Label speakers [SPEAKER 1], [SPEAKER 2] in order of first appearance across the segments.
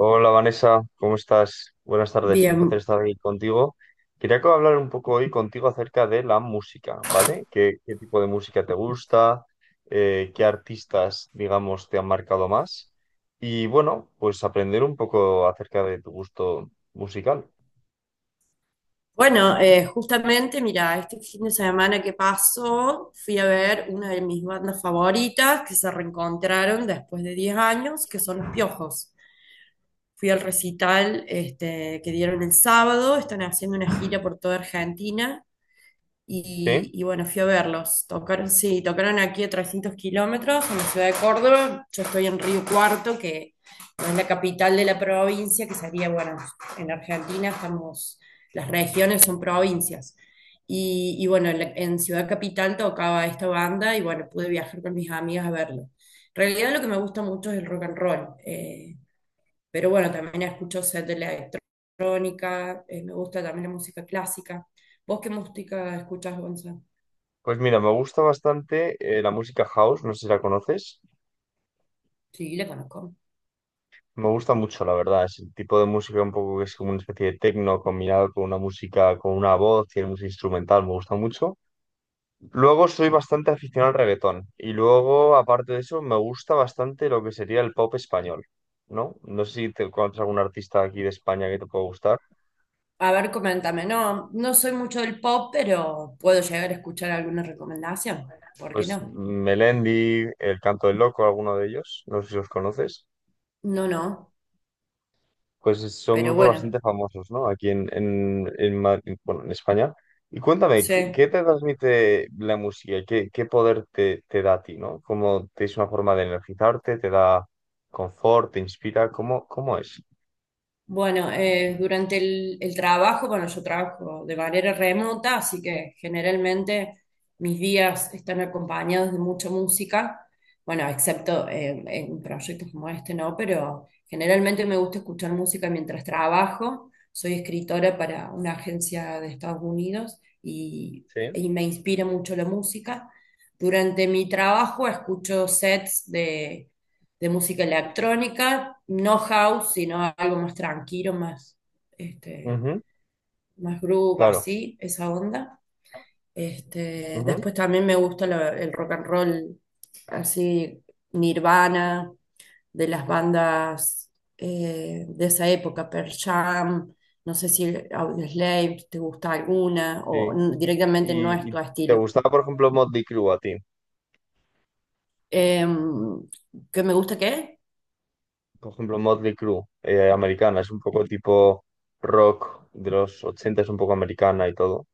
[SPEAKER 1] Hola Vanessa, ¿cómo estás? Buenas tardes, un placer
[SPEAKER 2] Bien,
[SPEAKER 1] estar aquí contigo. Quería hablar un poco hoy contigo acerca de la música, ¿vale? ¿Qué tipo de música te gusta? ¿qué artistas, digamos, te han marcado más? Y bueno, pues aprender un poco acerca de tu gusto musical.
[SPEAKER 2] bueno, justamente, mira, este fin de semana que pasó, fui a ver una de mis bandas favoritas que se reencontraron después de 10 años, que son Los Piojos. Fui al recital este, que dieron el sábado, están haciendo una gira por toda Argentina.
[SPEAKER 1] Sí,
[SPEAKER 2] Y bueno, fui a verlos. Tocaron, sí, tocaron aquí a 300 kilómetros, en la ciudad de Córdoba. Yo estoy en Río Cuarto, que no es la capital de la provincia, que sería, bueno, en Argentina estamos, las regiones son provincias. Y bueno, en Ciudad Capital tocaba esta banda y bueno, pude viajar con mis amigas a verlo. En realidad, lo que me gusta mucho es el rock and roll. Pero bueno, también escucho set de electrónica, me gusta también la música clásica. ¿Vos qué música escuchás, Gonzalo?
[SPEAKER 1] pues mira, me gusta bastante la música house, no sé si la conoces.
[SPEAKER 2] Sí, le conozco.
[SPEAKER 1] Me gusta mucho, la verdad, es el tipo de música un poco que es como una especie de techno combinado con una música, con una voz y una música instrumental, me gusta mucho. Luego soy bastante aficionado al reggaetón y luego, aparte de eso, me gusta bastante lo que sería el pop español, ¿no? No sé si te encuentras algún artista aquí de España que te pueda gustar.
[SPEAKER 2] A ver, coméntame. No, no soy mucho del pop, pero puedo llegar a escuchar alguna recomendación. ¿Por qué
[SPEAKER 1] Pues
[SPEAKER 2] no?
[SPEAKER 1] Melendi, El Canto del Loco, alguno de ellos, no sé si los conoces.
[SPEAKER 2] No, no.
[SPEAKER 1] Pues son
[SPEAKER 2] Pero
[SPEAKER 1] grupos
[SPEAKER 2] bueno,
[SPEAKER 1] bastante famosos, ¿no? Aquí en bueno, en España. Y cuéntame, ¿qué
[SPEAKER 2] sí.
[SPEAKER 1] te transmite la música? ¿Qué poder te da a ti, no? ¿Cómo te es una forma de energizarte? ¿Te da confort? ¿Te inspira? ¿Cómo es?
[SPEAKER 2] Bueno, durante el trabajo, bueno, yo trabajo de manera remota, así que generalmente mis días están acompañados de mucha música, bueno, excepto en proyectos como este, ¿no? Pero generalmente me gusta escuchar música mientras trabajo. Soy escritora para una agencia de Estados Unidos, y,
[SPEAKER 1] Sí.
[SPEAKER 2] y me inspira mucho la música. Durante mi trabajo escucho sets de música electrónica, no house, sino algo más tranquilo, más, este,
[SPEAKER 1] Ujú,
[SPEAKER 2] más groove,
[SPEAKER 1] claro.
[SPEAKER 2] así, esa onda. Este,
[SPEAKER 1] Ujú,
[SPEAKER 2] después también me gusta el rock and roll, así, Nirvana, de las bandas de esa época, Pearl Jam, no sé si Audioslave, si te gusta alguna,
[SPEAKER 1] sí.
[SPEAKER 2] o directamente no es
[SPEAKER 1] Y
[SPEAKER 2] tu
[SPEAKER 1] te
[SPEAKER 2] estilo.
[SPEAKER 1] gustaba, por ejemplo, Motley Crue a ti.
[SPEAKER 2] Em, ¿Qué me gusta qué?
[SPEAKER 1] Por ejemplo, Motley Crue, americana, es un poco tipo rock de los 80, es un poco americana y todo.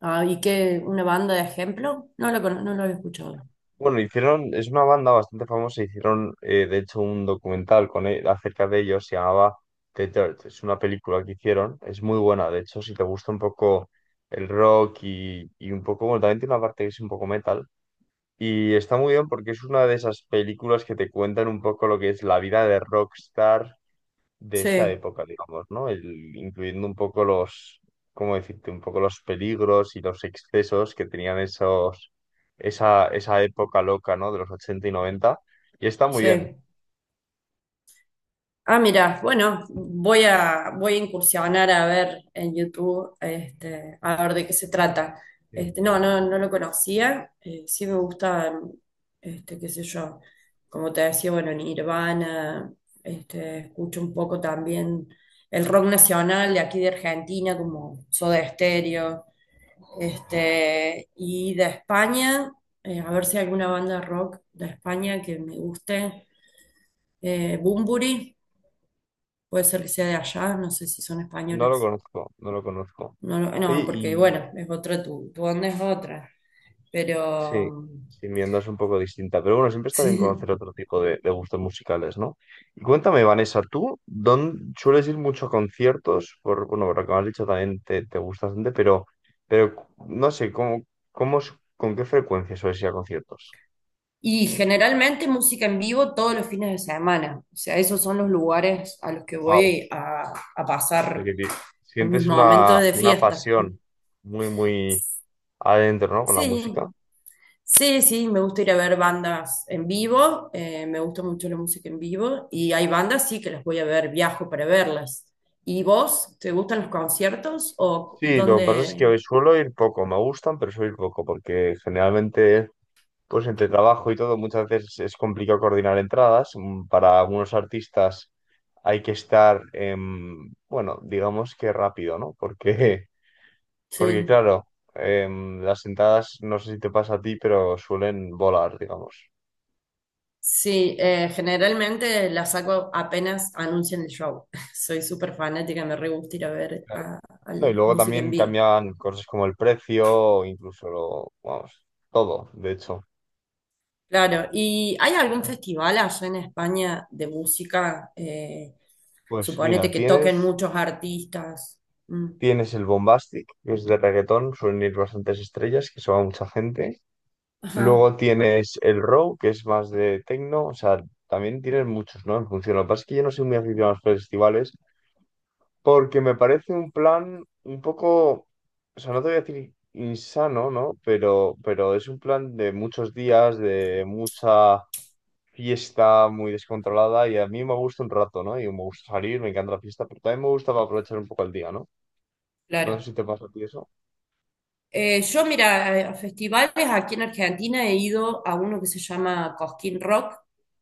[SPEAKER 2] Ah, ¿y qué? ¿Una banda de ejemplo? No lo había escuchado.
[SPEAKER 1] Bueno, hicieron, es una banda bastante famosa, hicieron de hecho un documental con acerca de ellos, se llamaba The Dirt, es una película que hicieron, es muy buena, de hecho, si te gusta un poco el rock y un poco, bueno, también tiene una parte que es un poco metal. Y está muy bien porque es una de esas películas que te cuentan un poco lo que es la vida de rockstar de esa
[SPEAKER 2] Sí,
[SPEAKER 1] época, digamos, ¿no? Incluyendo un poco los, ¿cómo decirte? Un poco los peligros y los excesos que tenían esos, esa época loca, ¿no? De los 80 y noventa. Y está muy bien.
[SPEAKER 2] sí. Ah, mira, bueno, voy a incursionar a ver en YouTube, este, a ver de qué se trata.
[SPEAKER 1] Sí.
[SPEAKER 2] Este, no, no, no lo conocía. Sí me gustan, este, qué sé yo, como te decía, bueno, Nirvana, este, escucho un poco también el rock nacional de aquí de Argentina, como Soda Stereo. Este, y de España, a ver si hay alguna banda rock de España que me guste. Bunbury, puede ser que sea de allá, no sé si son
[SPEAKER 1] No lo
[SPEAKER 2] españoles.
[SPEAKER 1] conozco, no lo conozco.
[SPEAKER 2] No, no,
[SPEAKER 1] Oye,
[SPEAKER 2] porque bueno, es otra, tu onda es otra. Pero
[SPEAKER 1] sí, sí, mi onda es un poco distinta, pero bueno, siempre está bien
[SPEAKER 2] sí.
[SPEAKER 1] conocer otro tipo de gustos musicales, ¿no? Y cuéntame, Vanessa, ¿tú dónde sueles ir mucho a conciertos? Bueno, por lo que me has dicho también te gusta bastante, pero, pero no sé, con qué frecuencia sueles ir a conciertos?
[SPEAKER 2] Y generalmente música en vivo todos los fines de semana. O sea, esos son los lugares a los que
[SPEAKER 1] Wow,
[SPEAKER 2] voy a pasar mis
[SPEAKER 1] sientes una,
[SPEAKER 2] momentos de
[SPEAKER 1] una
[SPEAKER 2] fiesta.
[SPEAKER 1] pasión muy, muy adentro, ¿no? Con la
[SPEAKER 2] Sí,
[SPEAKER 1] música.
[SPEAKER 2] sí, sí, me gusta ir a ver bandas en vivo, me gusta mucho la música en vivo, y hay bandas, sí, que las voy a ver, viajo para verlas. ¿Y vos, te gustan los conciertos o
[SPEAKER 1] Sí, lo que pasa es que
[SPEAKER 2] dónde?
[SPEAKER 1] suelo ir poco, me gustan, pero suelo ir poco, porque generalmente... Pues entre trabajo y todo, muchas veces es complicado coordinar entradas. Para algunos artistas hay que estar, bueno, digamos que rápido, ¿no? Porque
[SPEAKER 2] Sí,
[SPEAKER 1] claro, las entradas, no sé si te pasa a ti, pero suelen volar, digamos.
[SPEAKER 2] sí, generalmente las saco apenas anuncian el show. Soy súper fanática, me re gusta ir a ver a,
[SPEAKER 1] No, y
[SPEAKER 2] al
[SPEAKER 1] luego
[SPEAKER 2] música en
[SPEAKER 1] también
[SPEAKER 2] vivo.
[SPEAKER 1] cambian cosas como el precio, incluso lo, vamos, todo, de hecho.
[SPEAKER 2] Claro, ¿y hay algún festival allá en España de música?
[SPEAKER 1] Pues mira,
[SPEAKER 2] Suponete que toquen
[SPEAKER 1] tienes,
[SPEAKER 2] muchos artistas. Mm.
[SPEAKER 1] tienes el Bombastic, que es de reggaetón, suelen ir bastantes estrellas, que se va mucha gente.
[SPEAKER 2] Ajá,
[SPEAKER 1] Luego tienes el Row, que es más de techno, o sea, también tienes muchos, ¿no? En función. Lo que pasa es que yo no soy muy aficionado a los festivales porque me parece un plan un poco, o sea, no te voy a decir insano, ¿no? Pero es un plan de muchos días, de mucha fiesta muy descontrolada y a mí me gusta un rato, ¿no? Y me gusta salir, me encanta la fiesta, pero también me gusta para aprovechar un poco el día, ¿no? No sé
[SPEAKER 2] claro.
[SPEAKER 1] si te pasa a ti eso.
[SPEAKER 2] Yo, mira, a festivales aquí en Argentina he ido a uno que se llama Cosquín Rock,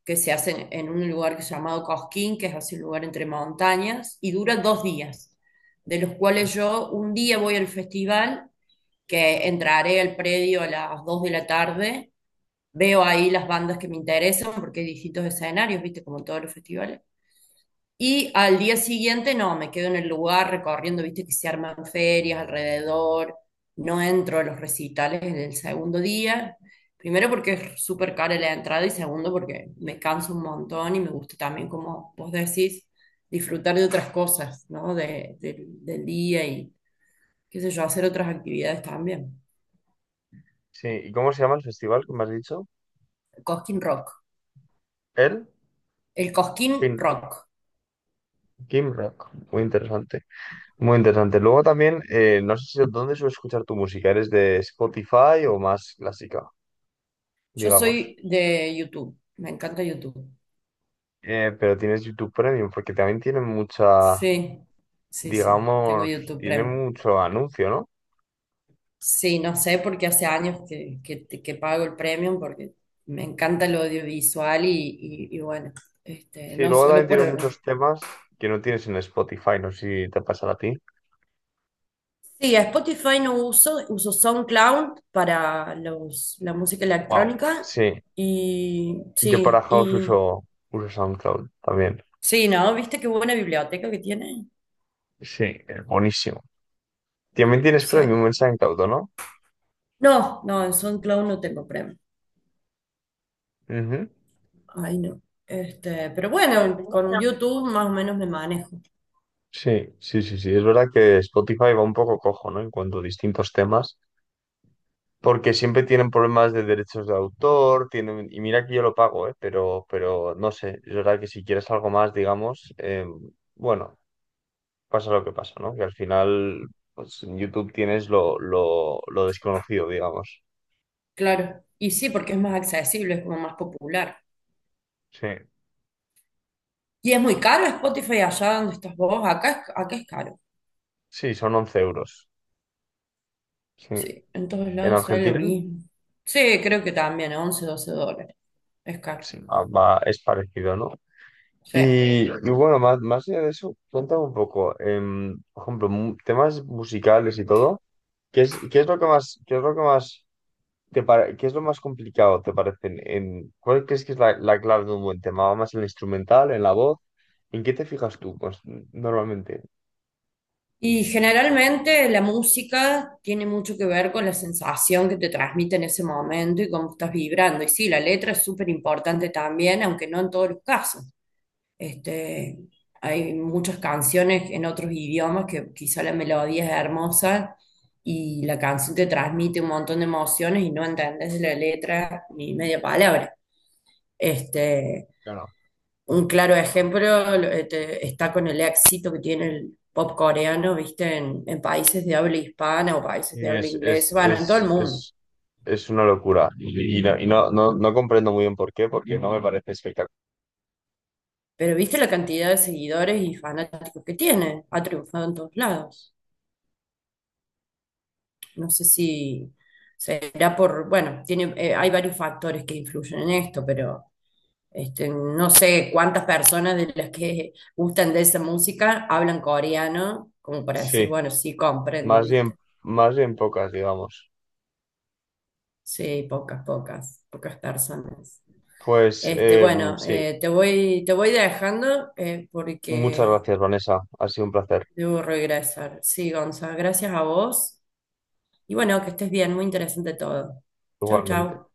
[SPEAKER 2] que se hace en un lugar que es llamado Cosquín, que es así un lugar entre montañas, y dura 2 días, de los cuales yo un día voy al festival, que entraré al predio a las 2 de la tarde, veo ahí las bandas que me interesan, porque hay distintos escenarios, viste, como en todos los festivales. Y al día siguiente, no, me quedo en el lugar recorriendo, viste que se arman ferias alrededor, no entro a los recitales en el segundo día, primero porque es súper cara la entrada y segundo porque me canso un montón y me gusta también, como vos decís, disfrutar de otras cosas, ¿no? Del día y, qué sé yo, hacer otras actividades también.
[SPEAKER 1] Sí, ¿y cómo se llama el festival que me has dicho?
[SPEAKER 2] El Cosquín Rock.
[SPEAKER 1] El
[SPEAKER 2] El Cosquín Rock.
[SPEAKER 1] Kim Rock, muy interesante. Muy interesante. Luego también, no sé si dónde sueles escuchar tu música. ¿Eres de Spotify o más clásica,
[SPEAKER 2] Yo
[SPEAKER 1] digamos?
[SPEAKER 2] soy de YouTube, me encanta YouTube.
[SPEAKER 1] Pero tienes YouTube Premium porque también tienen mucha,
[SPEAKER 2] Sí, sí, sí, tengo
[SPEAKER 1] digamos,
[SPEAKER 2] YouTube
[SPEAKER 1] tiene
[SPEAKER 2] Premium.
[SPEAKER 1] mucho anuncio, ¿no?
[SPEAKER 2] Sí, no sé, porque hace años que pago el Premium, porque me encanta el audiovisual y bueno, este,
[SPEAKER 1] Sí,
[SPEAKER 2] no
[SPEAKER 1] luego
[SPEAKER 2] solo
[SPEAKER 1] también
[SPEAKER 2] por...
[SPEAKER 1] tienen muchos temas que no tienes en Spotify. No sé si te pasa a ti.
[SPEAKER 2] Sí, a Spotify no uso, uso SoundCloud para la música
[SPEAKER 1] Wow.
[SPEAKER 2] electrónica
[SPEAKER 1] Sí, yo para House
[SPEAKER 2] y
[SPEAKER 1] uso SoundCloud también.
[SPEAKER 2] sí, ¿no? ¿Viste qué buena biblioteca que tiene?
[SPEAKER 1] Sí, es buenísimo. También tienes
[SPEAKER 2] Sí.
[SPEAKER 1] Premium en SoundCloud, ¿o no?
[SPEAKER 2] No, no, en SoundCloud no tengo Premium.
[SPEAKER 1] Ujú.
[SPEAKER 2] Ay, no. Este, pero bueno, con YouTube más o menos me manejo.
[SPEAKER 1] Sí, sí, sí, sí. Es verdad que Spotify va un poco cojo, ¿no? En cuanto a distintos temas, porque siempre tienen problemas de derechos de autor, tienen, y mira que yo lo pago, ¿eh? Pero no sé, es verdad que si quieres algo más, digamos, bueno, pasa lo que pasa, ¿no? Que al final, pues en YouTube tienes lo desconocido, digamos.
[SPEAKER 2] Claro. Y sí, porque es más accesible, es como más popular.
[SPEAKER 1] Sí,
[SPEAKER 2] Y es muy caro Spotify allá donde estás vos. Acá es caro.
[SPEAKER 1] sí, son 11 euros. Sí.
[SPEAKER 2] Sí, en todos
[SPEAKER 1] En
[SPEAKER 2] lados sale lo
[SPEAKER 1] Argentina,
[SPEAKER 2] mismo. Sí, creo que también, $11, $12. Es caro.
[SPEAKER 1] sí, ah, va, es parecido, ¿no?
[SPEAKER 2] Sí.
[SPEAKER 1] Y bueno, más allá de eso, cuéntame un poco, por ejemplo, temas musicales y todo, ¿qué es lo que más, qué es lo más complicado te parece? ¿Cuál crees que es la clave de un buen tema? ¿Va más en el instrumental, en la voz? ¿En qué te fijas tú? Pues normalmente,
[SPEAKER 2] Y generalmente la música tiene mucho que ver con la sensación que te transmite en ese momento y cómo estás vibrando. Y sí, la letra es súper importante también, aunque no en todos los casos. Este, hay muchas canciones en otros idiomas que quizá la melodía es hermosa y la canción te transmite un montón de emociones y no entendés la letra ni media palabra. Este,
[SPEAKER 1] claro.
[SPEAKER 2] un claro ejemplo este, está con el éxito que tiene el pop coreano, viste, en países de habla hispana o países
[SPEAKER 1] Sí,
[SPEAKER 2] de habla
[SPEAKER 1] Es, es,
[SPEAKER 2] inglesa, bueno, en todo el
[SPEAKER 1] es,
[SPEAKER 2] mundo.
[SPEAKER 1] es, es una locura. Y no, no comprendo muy bien por qué, porque no me parece espectacular.
[SPEAKER 2] Pero viste la cantidad de seguidores y fanáticos que tiene, ha triunfado en todos lados. No sé si será por, bueno, tiene, hay varios factores que influyen en esto, pero este, no sé cuántas personas de las que gustan de esa música hablan coreano, como para decir,
[SPEAKER 1] Sí,
[SPEAKER 2] bueno, sí, comprendo,
[SPEAKER 1] más bien,
[SPEAKER 2] ¿viste?
[SPEAKER 1] más bien pocas, digamos.
[SPEAKER 2] Sí, pocas, pocas, pocas personas.
[SPEAKER 1] Pues
[SPEAKER 2] Este, bueno,
[SPEAKER 1] sí.
[SPEAKER 2] te voy dejando
[SPEAKER 1] Muchas
[SPEAKER 2] porque
[SPEAKER 1] gracias, Vanessa. Ha sido un placer,
[SPEAKER 2] debo regresar. Sí, Gonzalo, gracias a vos. Y bueno, que estés bien, muy interesante todo. Chau,
[SPEAKER 1] igualmente.
[SPEAKER 2] chau.